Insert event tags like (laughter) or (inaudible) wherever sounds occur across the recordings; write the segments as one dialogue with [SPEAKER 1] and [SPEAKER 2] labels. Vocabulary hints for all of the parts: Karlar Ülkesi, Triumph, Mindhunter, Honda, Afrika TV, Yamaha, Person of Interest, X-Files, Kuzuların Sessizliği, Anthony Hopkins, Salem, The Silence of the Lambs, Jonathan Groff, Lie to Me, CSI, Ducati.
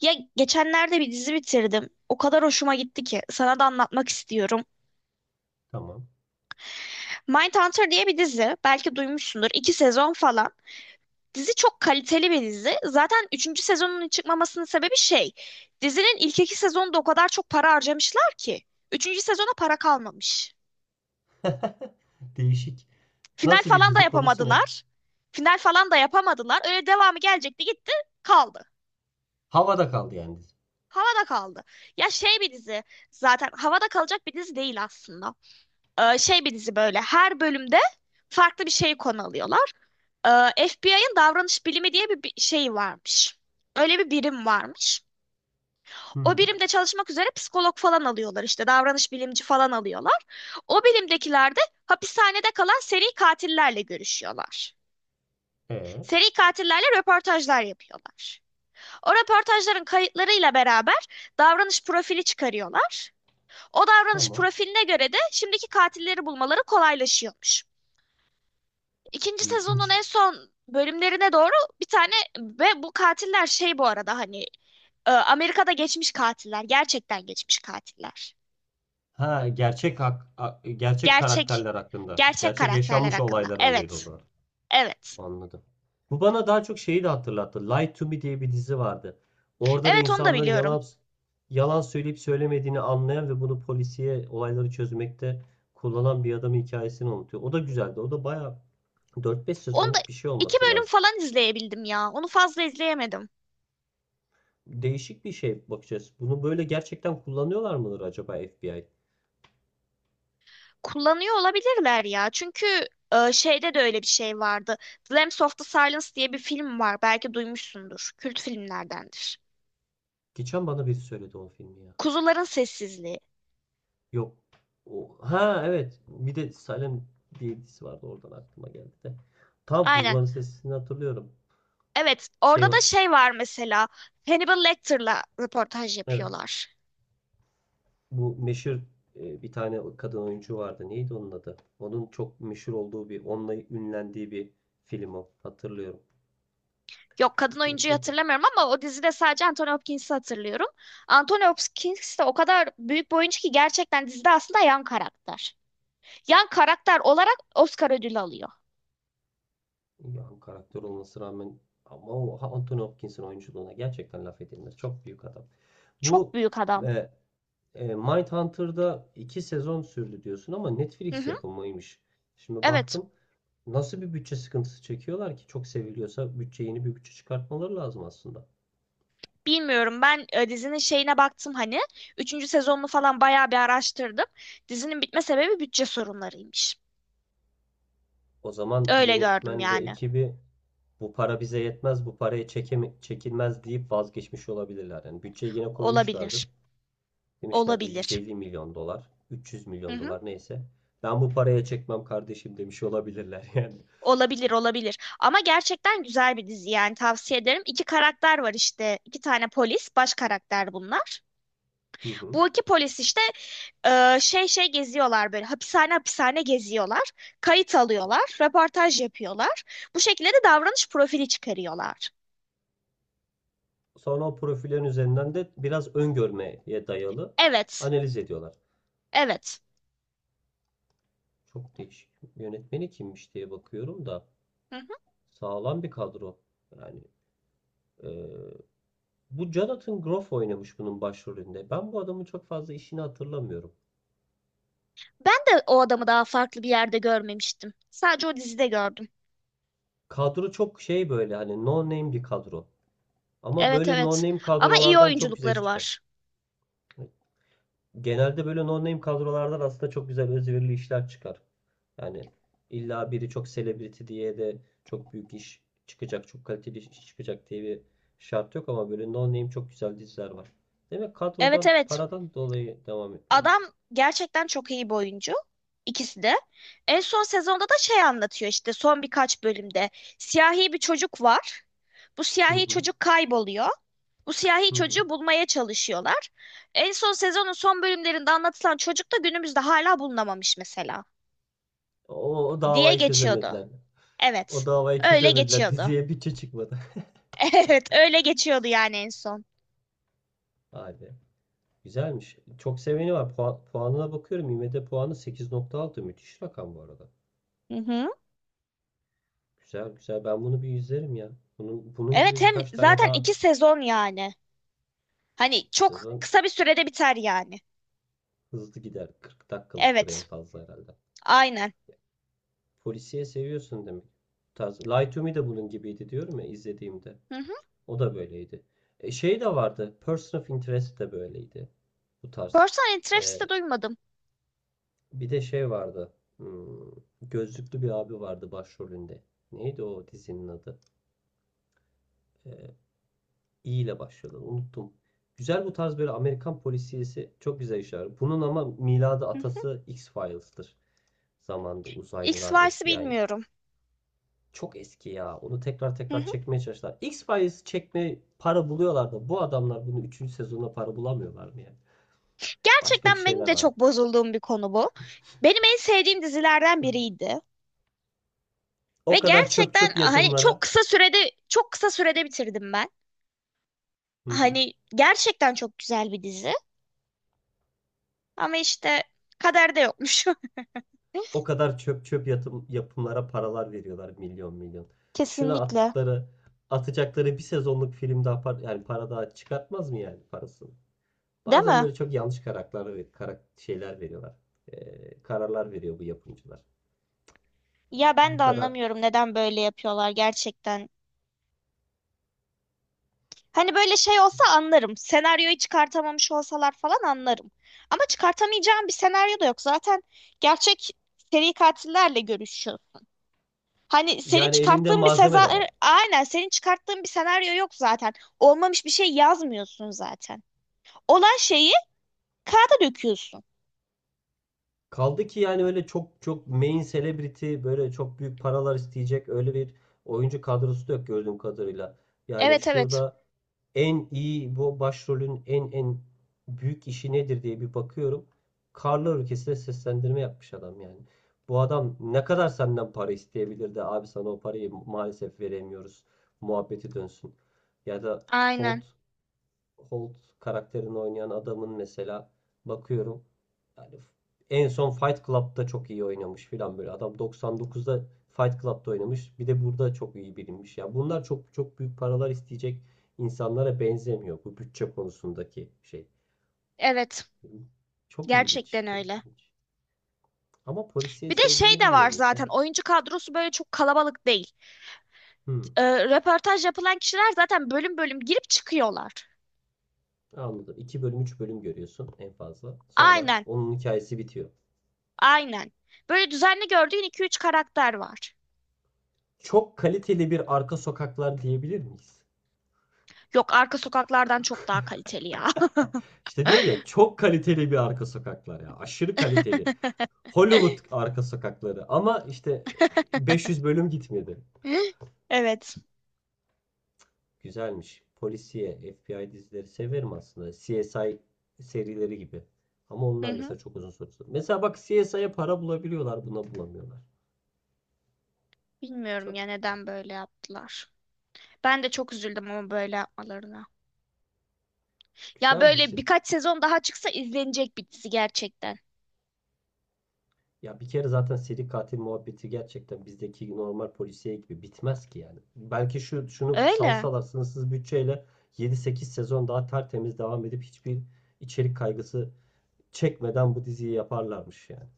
[SPEAKER 1] Ya geçenlerde bir dizi bitirdim. O kadar hoşuma gitti ki sana da anlatmak istiyorum.
[SPEAKER 2] Tamam.
[SPEAKER 1] Mindhunter diye bir dizi. Belki duymuşsundur. İki sezon falan. Dizi çok kaliteli bir dizi. Zaten üçüncü sezonunun çıkmamasının sebebi şey. Dizinin ilk iki sezonunda o kadar çok para harcamışlar ki. Üçüncü sezona para kalmamış.
[SPEAKER 2] (laughs) Değişik.
[SPEAKER 1] Final
[SPEAKER 2] Nasıl bir
[SPEAKER 1] falan da
[SPEAKER 2] dizi? Konusu ne?
[SPEAKER 1] yapamadılar. Final falan da yapamadılar. Öyle devamı gelecekti gitti kaldı.
[SPEAKER 2] Havada kaldı yani dizi.
[SPEAKER 1] Havada kaldı. Ya şey bir dizi. Zaten havada kalacak bir dizi değil aslında. Şey bir dizi, böyle her bölümde farklı bir şeyi konu alıyorlar. FBI'ın davranış bilimi diye bir şey varmış. Öyle bir birim varmış. O
[SPEAKER 2] Hı.
[SPEAKER 1] birimde çalışmak üzere psikolog falan alıyorlar, işte davranış bilimci falan alıyorlar. O birimdekiler de hapishanede kalan seri katillerle görüşüyorlar.
[SPEAKER 2] E,
[SPEAKER 1] Seri katillerle röportajlar yapıyorlar. O röportajların kayıtlarıyla beraber davranış profili çıkarıyorlar. O davranış
[SPEAKER 2] tamam.
[SPEAKER 1] profiline göre de şimdiki katilleri bulmaları kolaylaşıyormuş. İkinci sezonun
[SPEAKER 2] İlginç.
[SPEAKER 1] en son bölümlerine doğru bir tane ve bu katiller şey, bu arada hani, Amerika'da geçmiş katiller. Gerçekten geçmiş katiller.
[SPEAKER 2] Ha, gerçek
[SPEAKER 1] Gerçek
[SPEAKER 2] karakterler hakkında.
[SPEAKER 1] gerçek
[SPEAKER 2] Gerçek
[SPEAKER 1] karakterler
[SPEAKER 2] yaşanmış
[SPEAKER 1] hakkında.
[SPEAKER 2] olaylar
[SPEAKER 1] Evet.
[SPEAKER 2] alıyordu.
[SPEAKER 1] Evet.
[SPEAKER 2] Anladım. Bu bana daha çok şeyi de hatırlattı. Lie to Me diye bir dizi vardı. Orada da
[SPEAKER 1] Evet, onu da
[SPEAKER 2] insanların
[SPEAKER 1] biliyorum.
[SPEAKER 2] yalan söyleyip söylemediğini anlayan ve bunu polisiye olayları çözmekte kullanan bir adamın hikayesini anlatıyor. O da güzeldi. O da bayağı 4-5
[SPEAKER 1] Onu da
[SPEAKER 2] sezonluk bir şey
[SPEAKER 1] iki
[SPEAKER 2] olması
[SPEAKER 1] bölüm
[SPEAKER 2] lazım.
[SPEAKER 1] falan izleyebildim ya. Onu fazla izleyemedim.
[SPEAKER 2] Değişik bir şey bakacağız. Bunu böyle gerçekten kullanıyorlar mıdır acaba FBI?
[SPEAKER 1] Kullanıyor olabilirler ya. Çünkü şeyde de öyle bir şey vardı. The Lambs of the Silence diye bir film var. Belki duymuşsundur. Kült filmlerdendir.
[SPEAKER 2] Geçen bana biri söyledi o filmi ya.
[SPEAKER 1] Kuzuların Sessizliği.
[SPEAKER 2] Yok. O, ha evet. Bir de Salem diye bir dizisi vardı. Oradan aklıma geldi de. Tam
[SPEAKER 1] Aynen.
[SPEAKER 2] Kuzuların Sessizliğini hatırlıyorum.
[SPEAKER 1] Evet,
[SPEAKER 2] Şey,
[SPEAKER 1] orada da şey var mesela. Hannibal Lecter'la röportaj
[SPEAKER 2] evet
[SPEAKER 1] yapıyorlar.
[SPEAKER 2] bu meşhur, bir tane kadın oyuncu vardı. Neydi onun adı? Onun çok meşhur olduğu bir, onunla ünlendiği bir film o. Hatırlıyorum.
[SPEAKER 1] Yok, kadın
[SPEAKER 2] Neydi
[SPEAKER 1] oyuncuyu
[SPEAKER 2] o kadın?
[SPEAKER 1] hatırlamıyorum ama o dizide sadece Anthony Hopkins'i hatırlıyorum. Anthony Hopkins de o kadar büyük bir oyuncu ki gerçekten dizide aslında yan karakter. Yan karakter olarak Oscar ödülü alıyor.
[SPEAKER 2] Yani karakter olmasına rağmen ama o Anthony Hopkins'in oyunculuğuna gerçekten laf edilmez. Çok büyük adam.
[SPEAKER 1] Çok
[SPEAKER 2] Bu
[SPEAKER 1] büyük adam.
[SPEAKER 2] e, Mindhunter'da iki sezon sürdü diyorsun ama
[SPEAKER 1] Hı
[SPEAKER 2] Netflix
[SPEAKER 1] hı.
[SPEAKER 2] yapımıymış. Şimdi
[SPEAKER 1] Evet.
[SPEAKER 2] baktım, nasıl bir bütçe sıkıntısı çekiyorlar ki? Çok seviliyorsa bütçe, yeni bir bütçe çıkartmaları lazım aslında.
[SPEAKER 1] Bilmiyorum ben, dizinin şeyine baktım hani. Üçüncü sezonunu falan bayağı bir araştırdım. Dizinin bitme sebebi bütçe sorunlarıymış.
[SPEAKER 2] O zaman
[SPEAKER 1] Öyle gördüm
[SPEAKER 2] yönetmen ve
[SPEAKER 1] yani.
[SPEAKER 2] ekibi bu para bize yetmez, bu paraya çekilmez deyip vazgeçmiş olabilirler. Yani bütçeye yine
[SPEAKER 1] Olabilir.
[SPEAKER 2] koymuşlardır. Demişlerdir
[SPEAKER 1] Olabilir.
[SPEAKER 2] 150 milyon dolar, 300
[SPEAKER 1] Hı
[SPEAKER 2] milyon
[SPEAKER 1] hı.
[SPEAKER 2] dolar neyse. Ben bu paraya çekmem kardeşim demiş olabilirler yani.
[SPEAKER 1] Olabilir olabilir, ama gerçekten güzel bir dizi yani, tavsiye ederim. İki karakter var, işte iki tane polis baş karakter bunlar.
[SPEAKER 2] (laughs) Hı hı.
[SPEAKER 1] Bu iki polis işte şey geziyorlar, böyle hapishane hapishane geziyorlar. Kayıt alıyorlar, röportaj yapıyorlar. Bu şekilde de davranış profili çıkarıyorlar.
[SPEAKER 2] Sonra o profillerin üzerinden de biraz öngörmeye dayalı
[SPEAKER 1] Evet,
[SPEAKER 2] analiz ediyorlar.
[SPEAKER 1] evet.
[SPEAKER 2] Çok değişik. Yönetmeni kimmiş diye bakıyorum da
[SPEAKER 1] Hı hı.
[SPEAKER 2] sağlam bir kadro. Yani eee, bu Jonathan Groff oynamış bunun başrolünde. Ben bu adamın çok fazla işini hatırlamıyorum.
[SPEAKER 1] Ben de o adamı daha farklı bir yerde görmemiştim. Sadece o dizide gördüm.
[SPEAKER 2] Kadro çok şey, böyle hani no name bir kadro. Ama
[SPEAKER 1] Evet,
[SPEAKER 2] böyle no
[SPEAKER 1] evet,
[SPEAKER 2] name
[SPEAKER 1] ama iyi
[SPEAKER 2] kadrolardan çok güzel
[SPEAKER 1] oyunculukları
[SPEAKER 2] iş çıkar.
[SPEAKER 1] var.
[SPEAKER 2] Hani genelde böyle no name kadrolardan aslında çok güzel özverili işler çıkar. Yani illa biri çok celebrity diye de çok büyük iş çıkacak, çok kaliteli iş çıkacak diye bir şart yok, ama böyle no name çok güzel diziler var. Demek
[SPEAKER 1] Evet,
[SPEAKER 2] kadrodan,
[SPEAKER 1] evet.
[SPEAKER 2] paradan dolayı devam
[SPEAKER 1] Adam
[SPEAKER 2] etmemiş.
[SPEAKER 1] gerçekten çok iyi bir oyuncu. İkisi de. En son sezonda da şey anlatıyor, işte son birkaç bölümde. Siyahi bir çocuk var. Bu
[SPEAKER 2] Hı
[SPEAKER 1] siyahi
[SPEAKER 2] hı,
[SPEAKER 1] çocuk kayboluyor. Bu siyahi
[SPEAKER 2] hı hı.
[SPEAKER 1] çocuğu bulmaya çalışıyorlar. En son sezonun son bölümlerinde anlatılan çocuk da günümüzde hala bulunamamış mesela.
[SPEAKER 2] O, o
[SPEAKER 1] Diye
[SPEAKER 2] davayı
[SPEAKER 1] geçiyordu.
[SPEAKER 2] çözemediler. O
[SPEAKER 1] Evet.
[SPEAKER 2] davayı
[SPEAKER 1] Öyle
[SPEAKER 2] çözemediler. (laughs)
[SPEAKER 1] geçiyordu.
[SPEAKER 2] Diziye bütçe çıkmadı.
[SPEAKER 1] (laughs) Evet, öyle geçiyordu yani en son.
[SPEAKER 2] (laughs) Vay, güzelmiş. Çok seveni var. Puan, puanına bakıyorum. IMDb puanı 8,6. Müthiş rakam bu arada.
[SPEAKER 1] Hı hı.
[SPEAKER 2] Güzel güzel. Ben bunu bir izlerim ya. Bunun, bunun
[SPEAKER 1] Evet,
[SPEAKER 2] gibi
[SPEAKER 1] hem
[SPEAKER 2] birkaç tane
[SPEAKER 1] zaten
[SPEAKER 2] daha.
[SPEAKER 1] iki sezon yani. Hani
[SPEAKER 2] İki
[SPEAKER 1] çok
[SPEAKER 2] sezon
[SPEAKER 1] kısa bir sürede biter yani.
[SPEAKER 2] hızlı gider. 40 dakikalıktır en
[SPEAKER 1] Evet.
[SPEAKER 2] fazla herhalde.
[SPEAKER 1] Aynen.
[SPEAKER 2] Polisiye seviyorsun demek. Bu tarz. Lie to Me de bunun gibiydi diyorum ya, izlediğimde.
[SPEAKER 1] Hı hı.
[SPEAKER 2] O da böyleydi. Şey de vardı. Person of Interest de böyleydi. Bu tarz.
[SPEAKER 1] Person interest'i de
[SPEAKER 2] E,
[SPEAKER 1] duymadım.
[SPEAKER 2] Bir de şey vardı. Hmm, gözlüklü bir abi vardı başrolünde. Neydi o dizinin adı? Ee, İ ile başladı, unuttum. Güzel, bu tarz böyle Amerikan polisiyesi çok güzel işler. Bunun ama miladı,
[SPEAKER 1] Hı hı.
[SPEAKER 2] atası X-Files'tır. Zamanında uzaylılar,
[SPEAKER 1] XY'si
[SPEAKER 2] FBI.
[SPEAKER 1] bilmiyorum.
[SPEAKER 2] Çok eski ya. Onu tekrar
[SPEAKER 1] Hı
[SPEAKER 2] tekrar
[SPEAKER 1] hı.
[SPEAKER 2] çekmeye çalıştılar. X-Files çekme para buluyorlar da bu adamlar bunu üçüncü sezonda para bulamıyorlar mı ya? Başka bir
[SPEAKER 1] Gerçekten benim
[SPEAKER 2] şeyler
[SPEAKER 1] de
[SPEAKER 2] var.
[SPEAKER 1] çok bozulduğum bir konu bu. Benim en sevdiğim dizilerden biriydi. Ve
[SPEAKER 2] O kadar çöp
[SPEAKER 1] gerçekten
[SPEAKER 2] çöp
[SPEAKER 1] hani
[SPEAKER 2] yatımlara.
[SPEAKER 1] çok kısa sürede bitirdim ben.
[SPEAKER 2] Hı hı.
[SPEAKER 1] Hani gerçekten çok güzel bir dizi. Ama işte kaderde yokmuş.
[SPEAKER 2] O
[SPEAKER 1] (laughs)
[SPEAKER 2] kadar çöp çöp yatım, yapımlara paralar veriyorlar, milyon milyon. Şuna
[SPEAKER 1] Kesinlikle.
[SPEAKER 2] attıkları, atacakları bir sezonluk film daha yani para daha çıkartmaz mı yani, parasını?
[SPEAKER 1] Değil
[SPEAKER 2] Bazen
[SPEAKER 1] mi?
[SPEAKER 2] böyle çok yanlış karakterler ve şeyler veriyorlar. Kararlar veriyor bu yapımcılar.
[SPEAKER 1] Ya ben
[SPEAKER 2] Bu
[SPEAKER 1] de
[SPEAKER 2] kadar.
[SPEAKER 1] anlamıyorum, neden böyle yapıyorlar gerçekten. Hani böyle şey olsa anlarım. Senaryoyu çıkartamamış olsalar falan anlarım. Ama çıkartamayacağım bir senaryo da yok. Zaten gerçek seri katillerle görüşüyorsun. Hani senin
[SPEAKER 2] Yani elinde
[SPEAKER 1] çıkarttığın bir
[SPEAKER 2] malzeme
[SPEAKER 1] seza
[SPEAKER 2] de var.
[SPEAKER 1] Aynen, senin çıkarttığın bir senaryo yok zaten. Olmamış bir şey yazmıyorsun zaten. Olan şeyi kağıda döküyorsun.
[SPEAKER 2] Kaldı ki yani öyle çok çok main celebrity, böyle çok büyük paralar isteyecek öyle bir oyuncu kadrosu da yok gördüğüm kadarıyla. Yani
[SPEAKER 1] Evet, evet.
[SPEAKER 2] şurada en iyi, bu başrolün en büyük işi nedir diye bir bakıyorum. Karlar Ülkesi'ne seslendirme yapmış adam yani. Bu adam ne kadar senden para isteyebilirdi abi, sana o parayı maalesef veremiyoruz muhabbeti dönsün. Ya da
[SPEAKER 1] Aynen.
[SPEAKER 2] Holt Holt karakterini oynayan adamın mesela bakıyorum, yani en son Fight Club'da çok iyi oynamış filan böyle. Adam 99'da Fight Club'da oynamış. Bir de burada çok iyi bilinmiş. Ya bunlar çok çok büyük paralar isteyecek insanlara benzemiyor bu bütçe konusundaki şey.
[SPEAKER 1] Evet.
[SPEAKER 2] Çok ilginç,
[SPEAKER 1] Gerçekten
[SPEAKER 2] çok
[SPEAKER 1] öyle.
[SPEAKER 2] ilginç. Ama polisiye
[SPEAKER 1] Bir de şey
[SPEAKER 2] sevdiğini
[SPEAKER 1] de var,
[SPEAKER 2] bilmiyordum sen.
[SPEAKER 1] zaten oyuncu kadrosu böyle çok kalabalık değil.
[SPEAKER 2] Hmm,
[SPEAKER 1] Ee, Röportaj yapılan kişiler zaten bölüm bölüm girip çıkıyorlar.
[SPEAKER 2] anladım. İki bölüm, 3 bölüm görüyorsun en fazla. Sonra
[SPEAKER 1] Aynen,
[SPEAKER 2] onun hikayesi bitiyor.
[SPEAKER 1] aynen. Böyle düzenli gördüğün iki üç karakter var.
[SPEAKER 2] Çok kaliteli bir arka sokaklar diyebilir miyiz?
[SPEAKER 1] Yok, arka sokaklardan çok daha kaliteli ya.
[SPEAKER 2] İşte diyorum ya, çok kaliteli bir arka sokaklar ya. Aşırı kaliteli. Hollywood arka sokakları ama işte 500 bölüm gitmedi.
[SPEAKER 1] (laughs) Evet.
[SPEAKER 2] Güzelmiş. Polisiye, FBI dizileri severim aslında. CSI serileri gibi. Ama
[SPEAKER 1] Hı
[SPEAKER 2] onlar
[SPEAKER 1] hı.
[SPEAKER 2] mesela çok uzun sürdü. Mesela bak, CSI'ye para bulabiliyorlar, buna bulamıyorlar.
[SPEAKER 1] Bilmiyorum
[SPEAKER 2] Çok
[SPEAKER 1] ya, neden böyle yaptılar. Ben de çok üzüldüm ama böyle yapmalarına. Ya
[SPEAKER 2] güzel
[SPEAKER 1] böyle
[SPEAKER 2] dizi.
[SPEAKER 1] birkaç sezon daha çıksa izlenecek bir dizi gerçekten.
[SPEAKER 2] Ya bir kere zaten seri katil muhabbeti gerçekten bizdeki normal polisiye gibi bitmez ki yani. Belki şu, şunu
[SPEAKER 1] Öyle.
[SPEAKER 2] salsalar sınırsız bütçeyle yedi sekiz sezon daha tertemiz devam edip hiçbir içerik kaygısı çekmeden bu diziyi yaparlarmış yani.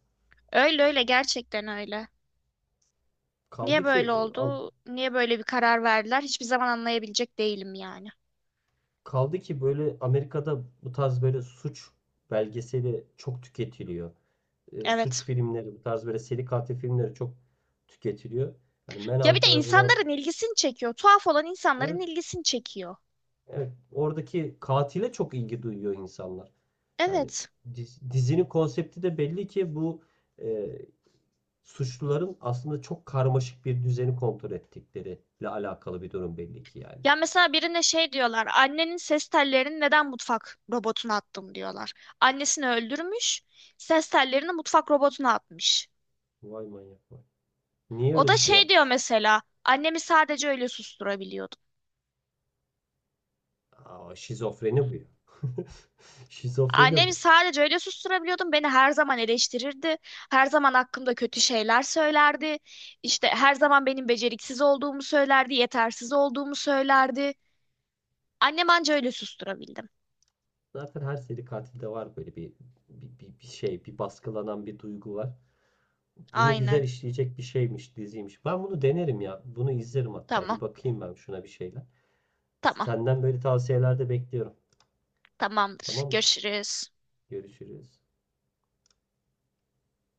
[SPEAKER 1] Öyle öyle, gerçekten öyle. Niye
[SPEAKER 2] Kaldı ki
[SPEAKER 1] böyle
[SPEAKER 2] e, am-
[SPEAKER 1] oldu? Niye böyle bir karar verdiler? Hiçbir zaman anlayabilecek değilim yani.
[SPEAKER 2] Kaldı ki böyle Amerika'da bu tarz böyle suç belgeseli çok tüketiliyor. Suç
[SPEAKER 1] Evet.
[SPEAKER 2] filmleri, bu tarz böyle seri katil filmleri çok tüketiliyor. Yani
[SPEAKER 1] Ya bir de
[SPEAKER 2] Manhunter'a, buna,
[SPEAKER 1] insanların ilgisini çekiyor. Tuhaf olan insanların
[SPEAKER 2] evet.
[SPEAKER 1] ilgisini çekiyor.
[SPEAKER 2] Evet, oradaki katile çok ilgi duyuyor insanlar. Yani
[SPEAKER 1] Evet.
[SPEAKER 2] dizinin konsepti de belli ki bu, e, suçluların aslında çok karmaşık bir düzeni kontrol ettikleriyle alakalı bir durum belli ki yani.
[SPEAKER 1] Ya mesela birine şey diyorlar. Annenin ses tellerini neden mutfak robotuna attım, diyorlar. Annesini öldürmüş. Ses tellerini mutfak robotuna atmış.
[SPEAKER 2] Vay manyak vay. Niye
[SPEAKER 1] O
[SPEAKER 2] öyle
[SPEAKER 1] da
[SPEAKER 2] bir şey
[SPEAKER 1] şey diyor
[SPEAKER 2] yapmış?
[SPEAKER 1] mesela. Annemi sadece öyle susturabiliyordum.
[SPEAKER 2] Aa, şizofreni bu ya. (laughs) Şizofreni
[SPEAKER 1] Annemi
[SPEAKER 2] bu.
[SPEAKER 1] sadece öyle susturabiliyordum. Beni her zaman eleştirirdi. Her zaman hakkımda kötü şeyler söylerdi. İşte her zaman benim beceriksiz olduğumu söylerdi, yetersiz olduğumu söylerdi. Annem anca öyle susturabildi.
[SPEAKER 2] Zaten her seri katilde var böyle bir şey, bir baskılanan bir duygu var. Bunu güzel
[SPEAKER 1] Aynen.
[SPEAKER 2] işleyecek bir şeymiş, diziymiş. Ben bunu denerim ya. Bunu izlerim hatta.
[SPEAKER 1] Tamam.
[SPEAKER 2] Bir bakayım ben şuna bir şeyler.
[SPEAKER 1] Tamam.
[SPEAKER 2] Senden böyle tavsiyelerde bekliyorum.
[SPEAKER 1] Tamamdır.
[SPEAKER 2] Tamamdır.
[SPEAKER 1] Görüşürüz.
[SPEAKER 2] Görüşürüz.